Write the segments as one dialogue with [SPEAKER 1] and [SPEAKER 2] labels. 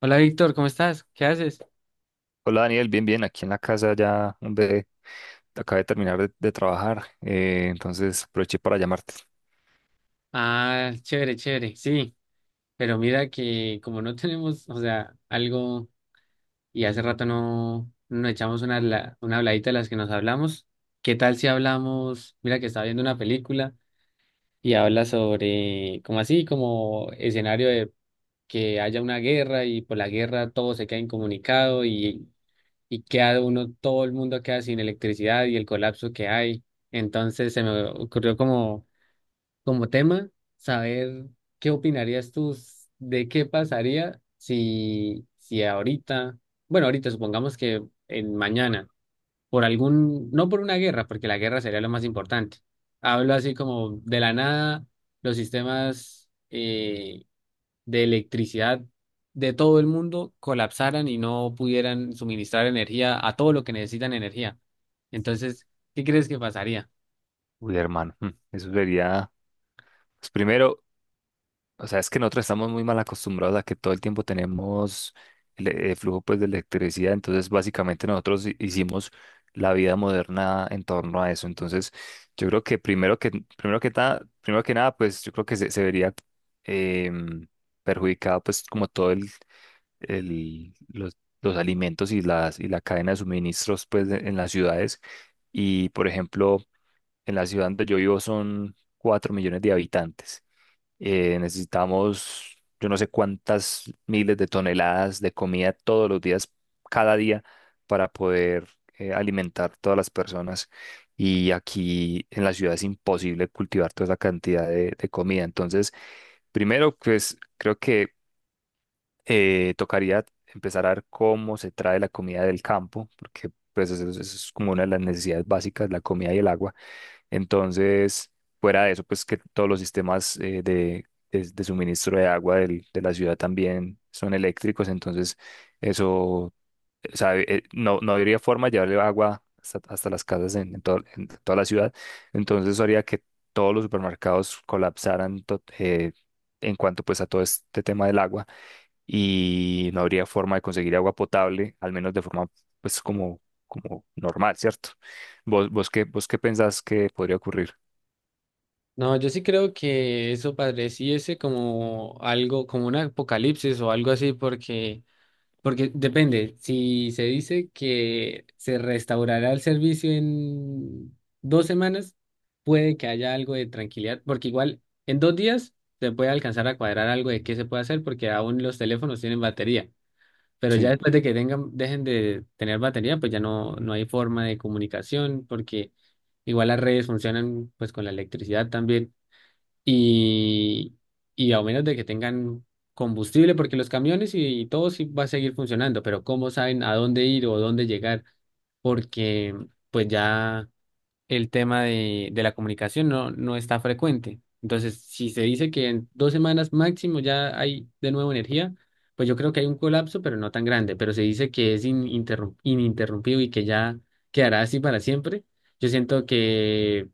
[SPEAKER 1] Hola Víctor, ¿cómo estás? ¿Qué haces?
[SPEAKER 2] Hola Daniel, bien, bien, aquí en la casa ya, hombre, acabé de terminar de trabajar, entonces aproveché para llamarte.
[SPEAKER 1] Ah, chévere, chévere, sí, pero mira que como no tenemos, o sea, algo y hace rato no nos echamos una, una habladita de las que nos hablamos. ¿Qué tal si hablamos? Mira que estaba viendo una película y habla sobre, como así, como escenario de que haya una guerra y por la guerra todo se queda incomunicado y queda uno, todo el mundo queda sin electricidad y el colapso que hay. Entonces se me ocurrió como como tema, saber qué opinarías tú de qué pasaría si, si ahorita, bueno, ahorita supongamos que en mañana, por algún, no por una guerra, porque la guerra sería lo más importante. Hablo así como de la nada, los sistemas de electricidad de todo el mundo colapsaran y no pudieran suministrar energía a todo lo que necesitan energía. Entonces, ¿qué crees que pasaría?
[SPEAKER 2] Uy, hermano, mm, eso sería, pues primero, o sea, es que nosotros estamos muy mal acostumbrados a que todo el tiempo tenemos el flujo pues de electricidad, entonces básicamente nosotros hicimos la vida moderna en torno a eso, entonces yo creo que primero que nada, pues yo creo que se vería em, perjudicado pues como todo el- los, los alimentos y y la cadena de suministros pues, en las ciudades. Y, por ejemplo, en la ciudad donde yo vivo son 4 millones de habitantes. Necesitamos, yo no sé cuántas miles de toneladas de comida todos los días, cada día, para poder alimentar todas las personas. Y aquí en la ciudad es imposible cultivar toda esa cantidad de comida. Entonces, primero, pues creo que tocaría empezar a ver cómo se trae la comida del campo, porque pues eso es como una de las necesidades básicas, la comida y el agua. Entonces, fuera de eso, pues que todos los sistemas de suministro de agua de la ciudad también son eléctricos, entonces eso, o sea, no habría forma de llevarle agua hasta, hasta las casas en en toda la ciudad, entonces eso haría que todos los supermercados colapsaran en cuanto pues a todo este tema del agua y no habría forma de conseguir agua potable, al menos de forma pues como, como normal, ¿cierto? Vos qué pensás que podría ocurrir?
[SPEAKER 1] No, yo sí creo que eso padeciese como algo, como un apocalipsis o algo así, porque, porque depende, si se dice que se restaurará el servicio en dos semanas, puede que haya algo de tranquilidad, porque igual en dos días se puede alcanzar a cuadrar algo de qué se puede hacer, porque aún los teléfonos tienen batería, pero ya
[SPEAKER 2] Sí,
[SPEAKER 1] después de que tengan, dejen de tener batería, pues ya no, no hay forma de comunicación, porque igual las redes funcionan pues con la electricidad también y, y a menos de que tengan combustible, porque los camiones y todo sí va a seguir funcionando, pero ¿cómo saben a dónde ir o dónde llegar? Porque pues ya el tema de la comunicación no, no está frecuente. Entonces, si se dice que en dos semanas máximo ya hay de nuevo energía, pues yo creo que hay un colapso, pero no tan grande, pero se dice que es ininterrumpido y que ya quedará así para siempre. Yo siento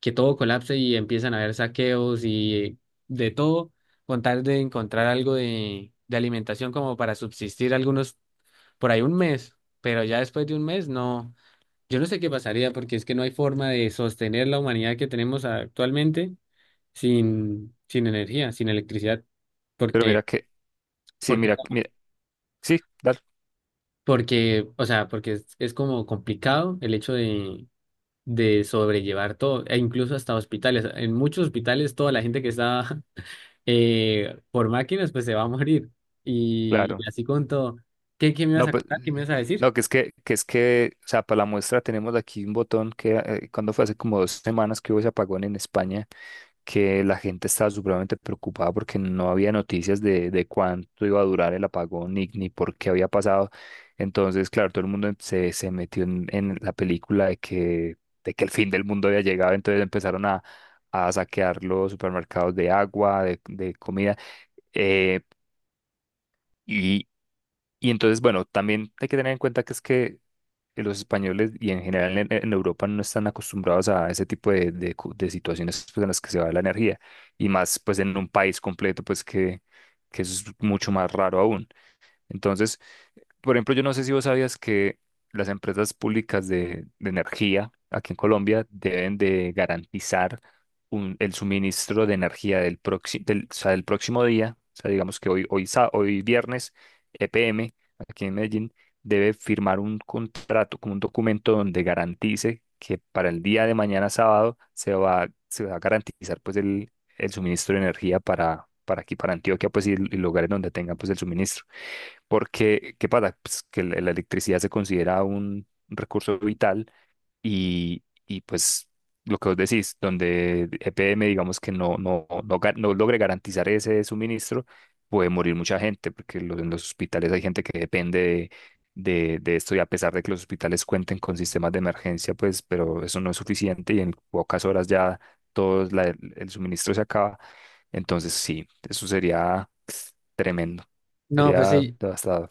[SPEAKER 1] que todo colapse y empiezan a haber saqueos y de todo, con tal de encontrar algo de alimentación como para subsistir algunos por ahí un mes, pero ya después de un mes no, yo no sé qué pasaría porque es que no hay forma de sostener la humanidad que tenemos actualmente sin, sin energía, sin electricidad,
[SPEAKER 2] pero
[SPEAKER 1] porque,
[SPEAKER 2] mira que, sí,
[SPEAKER 1] porque,
[SPEAKER 2] mira, mira, sí, dale,
[SPEAKER 1] porque, o sea, porque es como complicado el hecho de sobrellevar todo, e incluso hasta hospitales. En muchos hospitales toda la gente que está por máquinas, pues se va a morir.
[SPEAKER 2] claro.
[SPEAKER 1] Y así con todo. ¿Qué, qué me ibas
[SPEAKER 2] No,
[SPEAKER 1] a
[SPEAKER 2] pues,
[SPEAKER 1] contar? ¿Qué me ibas a decir?
[SPEAKER 2] no, que es que, o sea, para la muestra tenemos aquí un botón que cuando fue hace como dos semanas que hubo ese apagón en España, que la gente estaba supremamente preocupada porque no había noticias de cuánto iba a durar el apagón ni por qué había pasado. Entonces, claro, todo el mundo se metió en la película de que el fin del mundo había llegado, entonces empezaron a saquear los supermercados de agua, de comida. eh, y, y entonces, bueno, también hay que tener en cuenta que es que los españoles y en general en Europa no están acostumbrados a ese tipo de situaciones pues, en las que se va la energía y más pues en un país completo pues que eso es mucho más raro aún. Entonces, por ejemplo, yo no sé si vos sabías que las empresas públicas de energía aquí en Colombia deben de garantizar el suministro de energía del, del próximo día. O sea, digamos que hoy viernes, EPM, aquí en Medellín, debe firmar un contrato, como un documento donde garantice que para el día de mañana sábado se va a garantizar pues el suministro de energía para aquí, para Antioquia, pues y lugares donde tengan pues el suministro. Porque, ¿qué pasa? Pues que la electricidad se considera un recurso vital y pues lo que vos decís, donde EPM digamos que no logre garantizar ese suministro, puede morir mucha gente, porque en los hospitales hay gente que depende de esto y a pesar de que los hospitales cuenten con sistemas de emergencia, pues, pero eso no es suficiente y en pocas horas ya el suministro se acaba. Entonces sí, eso sería tremendo,
[SPEAKER 1] No, pues
[SPEAKER 2] sería
[SPEAKER 1] sí,
[SPEAKER 2] devastador.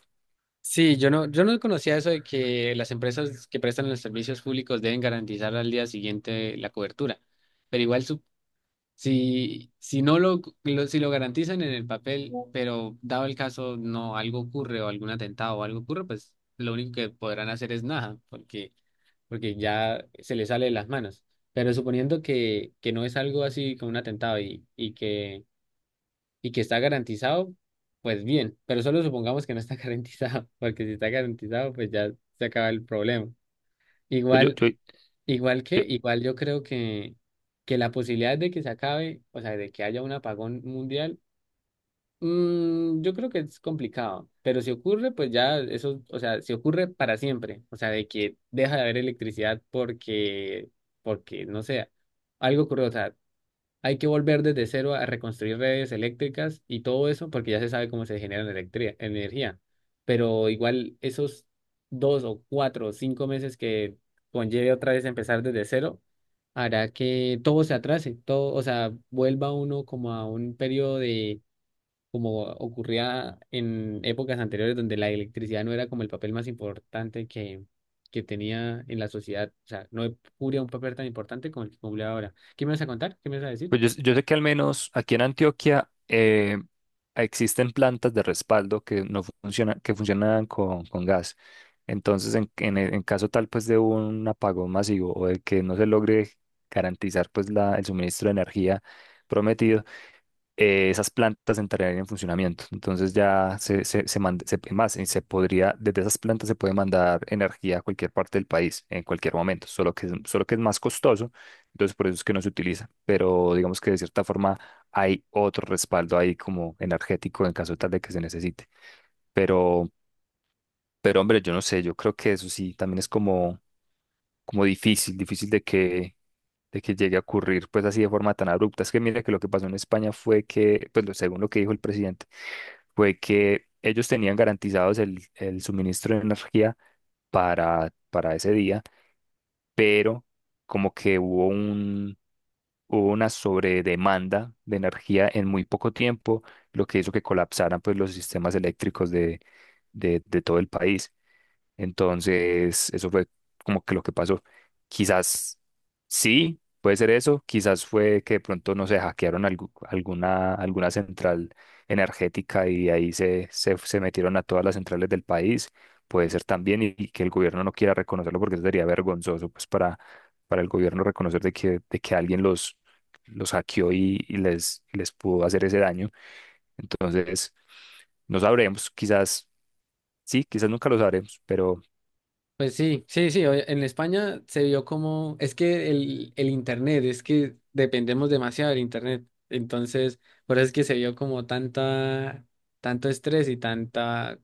[SPEAKER 1] sí, yo no, yo no conocía eso de que las empresas que prestan los servicios públicos deben garantizar al día siguiente la cobertura. Pero igual si, si no lo, si lo garantizan en el papel, pero dado el caso no algo ocurre o algún atentado o algo ocurre, pues lo único que podrán hacer es nada, porque porque ya se le sale de las manos. Pero suponiendo que no es algo así como un atentado y que está garantizado, pues bien, pero solo supongamos que no está garantizado, porque si está garantizado, pues ya se acaba el problema.
[SPEAKER 2] Pues yo,
[SPEAKER 1] Igual,
[SPEAKER 2] yo,
[SPEAKER 1] igual que, igual yo creo que la posibilidad de que se acabe, o sea, de que haya un apagón mundial. Mm, yo creo que es complicado, pero si ocurre, pues ya eso, o sea, si ocurre para siempre, o sea, de que deja de haber electricidad porque, porque, no sé, algo ocurrió, o sea, hay que volver desde cero a reconstruir redes eléctricas y todo eso porque ya se sabe cómo se genera la energía, pero igual esos dos o cuatro o cinco meses que conlleve otra vez empezar desde cero, hará que todo se atrase, todo, o sea, vuelva uno como a un periodo de como ocurría en épocas anteriores donde la electricidad no era como el papel más importante que tenía en la sociedad. O sea, no cubría un papel tan importante como el que cumple ahora. ¿Qué me vas a contar? ¿Qué me vas a decir?
[SPEAKER 2] Pues yo sé que al menos aquí en Antioquia existen plantas de respaldo que no funcionan, que funcionan con gas. Entonces, en caso tal pues de un apagón masivo o de que no se logre garantizar pues el suministro de energía prometido, esas plantas entrarían en funcionamiento. Entonces ya se podría, desde esas plantas se puede mandar energía a cualquier parte del país en cualquier momento, solo que, solo que es más costoso, entonces por eso es que no se utiliza, pero digamos que de cierta forma hay otro respaldo ahí como energético en caso tal de que se necesite. Pero, pero hombre, yo no sé, yo creo que eso sí también es como, como difícil, difícil de que llegue a ocurrir pues así de forma tan abrupta. Es que mira que lo que pasó en España fue que, pues según lo que dijo el presidente, fue que ellos tenían garantizados el suministro de energía para ese día, pero como que hubo una sobredemanda de energía en muy poco tiempo, lo que hizo que colapsaran pues los sistemas eléctricos de todo el país. Entonces, eso fue como que lo que pasó. Quizás sí, puede ser eso. Quizás fue que de pronto, no sé, hackearon alguna, alguna central energética y de ahí se metieron a todas las centrales del país. Puede ser también y que el gobierno no quiera reconocerlo porque eso sería vergonzoso pues para el gobierno reconocer de que alguien los hackeó y les pudo hacer ese daño. Entonces, no sabremos. Quizás sí, quizás nunca lo sabremos, pero...
[SPEAKER 1] Pues sí, sí, sí, oye, en España se vio como, es que el Internet, es que dependemos demasiado del Internet, entonces por eso es que se vio como tanta, tanto estrés y tanta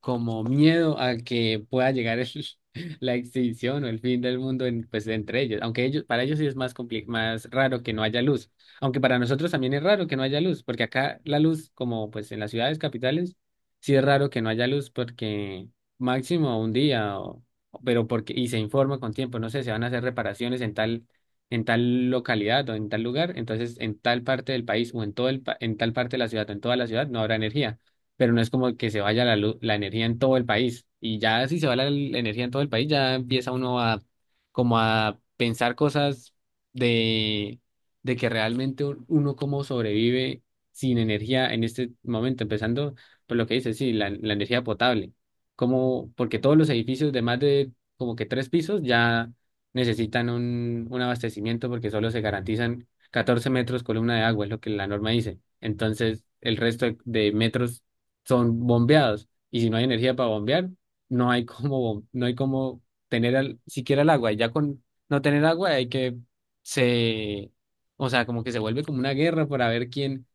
[SPEAKER 1] como miedo a que pueda llegar la extinción o el fin del mundo en, pues, entre ellos. Aunque ellos, para ellos sí es más más raro que no haya luz. Aunque para nosotros también es raro que no haya luz, porque acá la luz, como pues en las ciudades capitales, sí es raro que no haya luz porque máximo un día, o- pero porque, y se informa con tiempo, no sé, se van a hacer reparaciones en tal localidad o en tal lugar, entonces en tal parte del país o en todo el, en tal parte de la ciudad o en toda la ciudad no habrá energía pero no es como que se vaya la luz, la energía en todo el país. Y ya si se va la, la energía en todo el país, ya empieza uno a como a pensar cosas de, de que realmente uno cómo sobrevive sin energía en este momento, empezando por lo que dice, sí, la energía potable. Como, porque todos los edificios de más de como que tres pisos ya necesitan un abastecimiento porque solo se garantizan 14 metros columna de agua, es lo que la norma dice. Entonces, el resto de metros son bombeados. Y si no hay energía para bombear, no hay como no hay como tener siquiera el agua. Y ya con no tener agua hay que se, o sea, como que se vuelve como una guerra para ver quién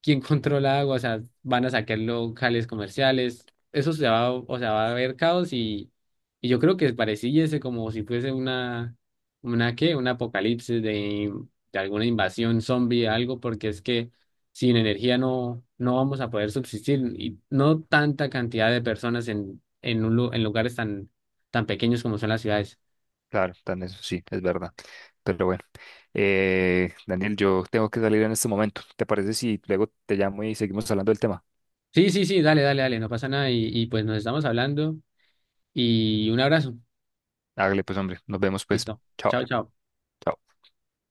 [SPEAKER 1] quién controla agua, o sea, van a sacar locales comerciales, eso se va, o sea, va a haber caos y yo creo que pareciese como si fuese una qué, un apocalipsis de alguna invasión zombie, algo, porque es que sin energía no, no vamos a poder subsistir y no tanta cantidad de personas en, un, en lugares tan, tan pequeños como son las ciudades.
[SPEAKER 2] Claro, también eso sí, es verdad. Pero bueno, Daniel, yo tengo que salir en este momento. ¿Te parece si luego te llamo y seguimos hablando del tema?
[SPEAKER 1] Sí, sí, sí, dale, dale, dale, no pasa nada y, y pues nos estamos hablando y un abrazo.
[SPEAKER 2] Hágale pues, hombre, nos vemos pues.
[SPEAKER 1] Listo.
[SPEAKER 2] Chao.
[SPEAKER 1] Chao, chao.
[SPEAKER 2] Chao.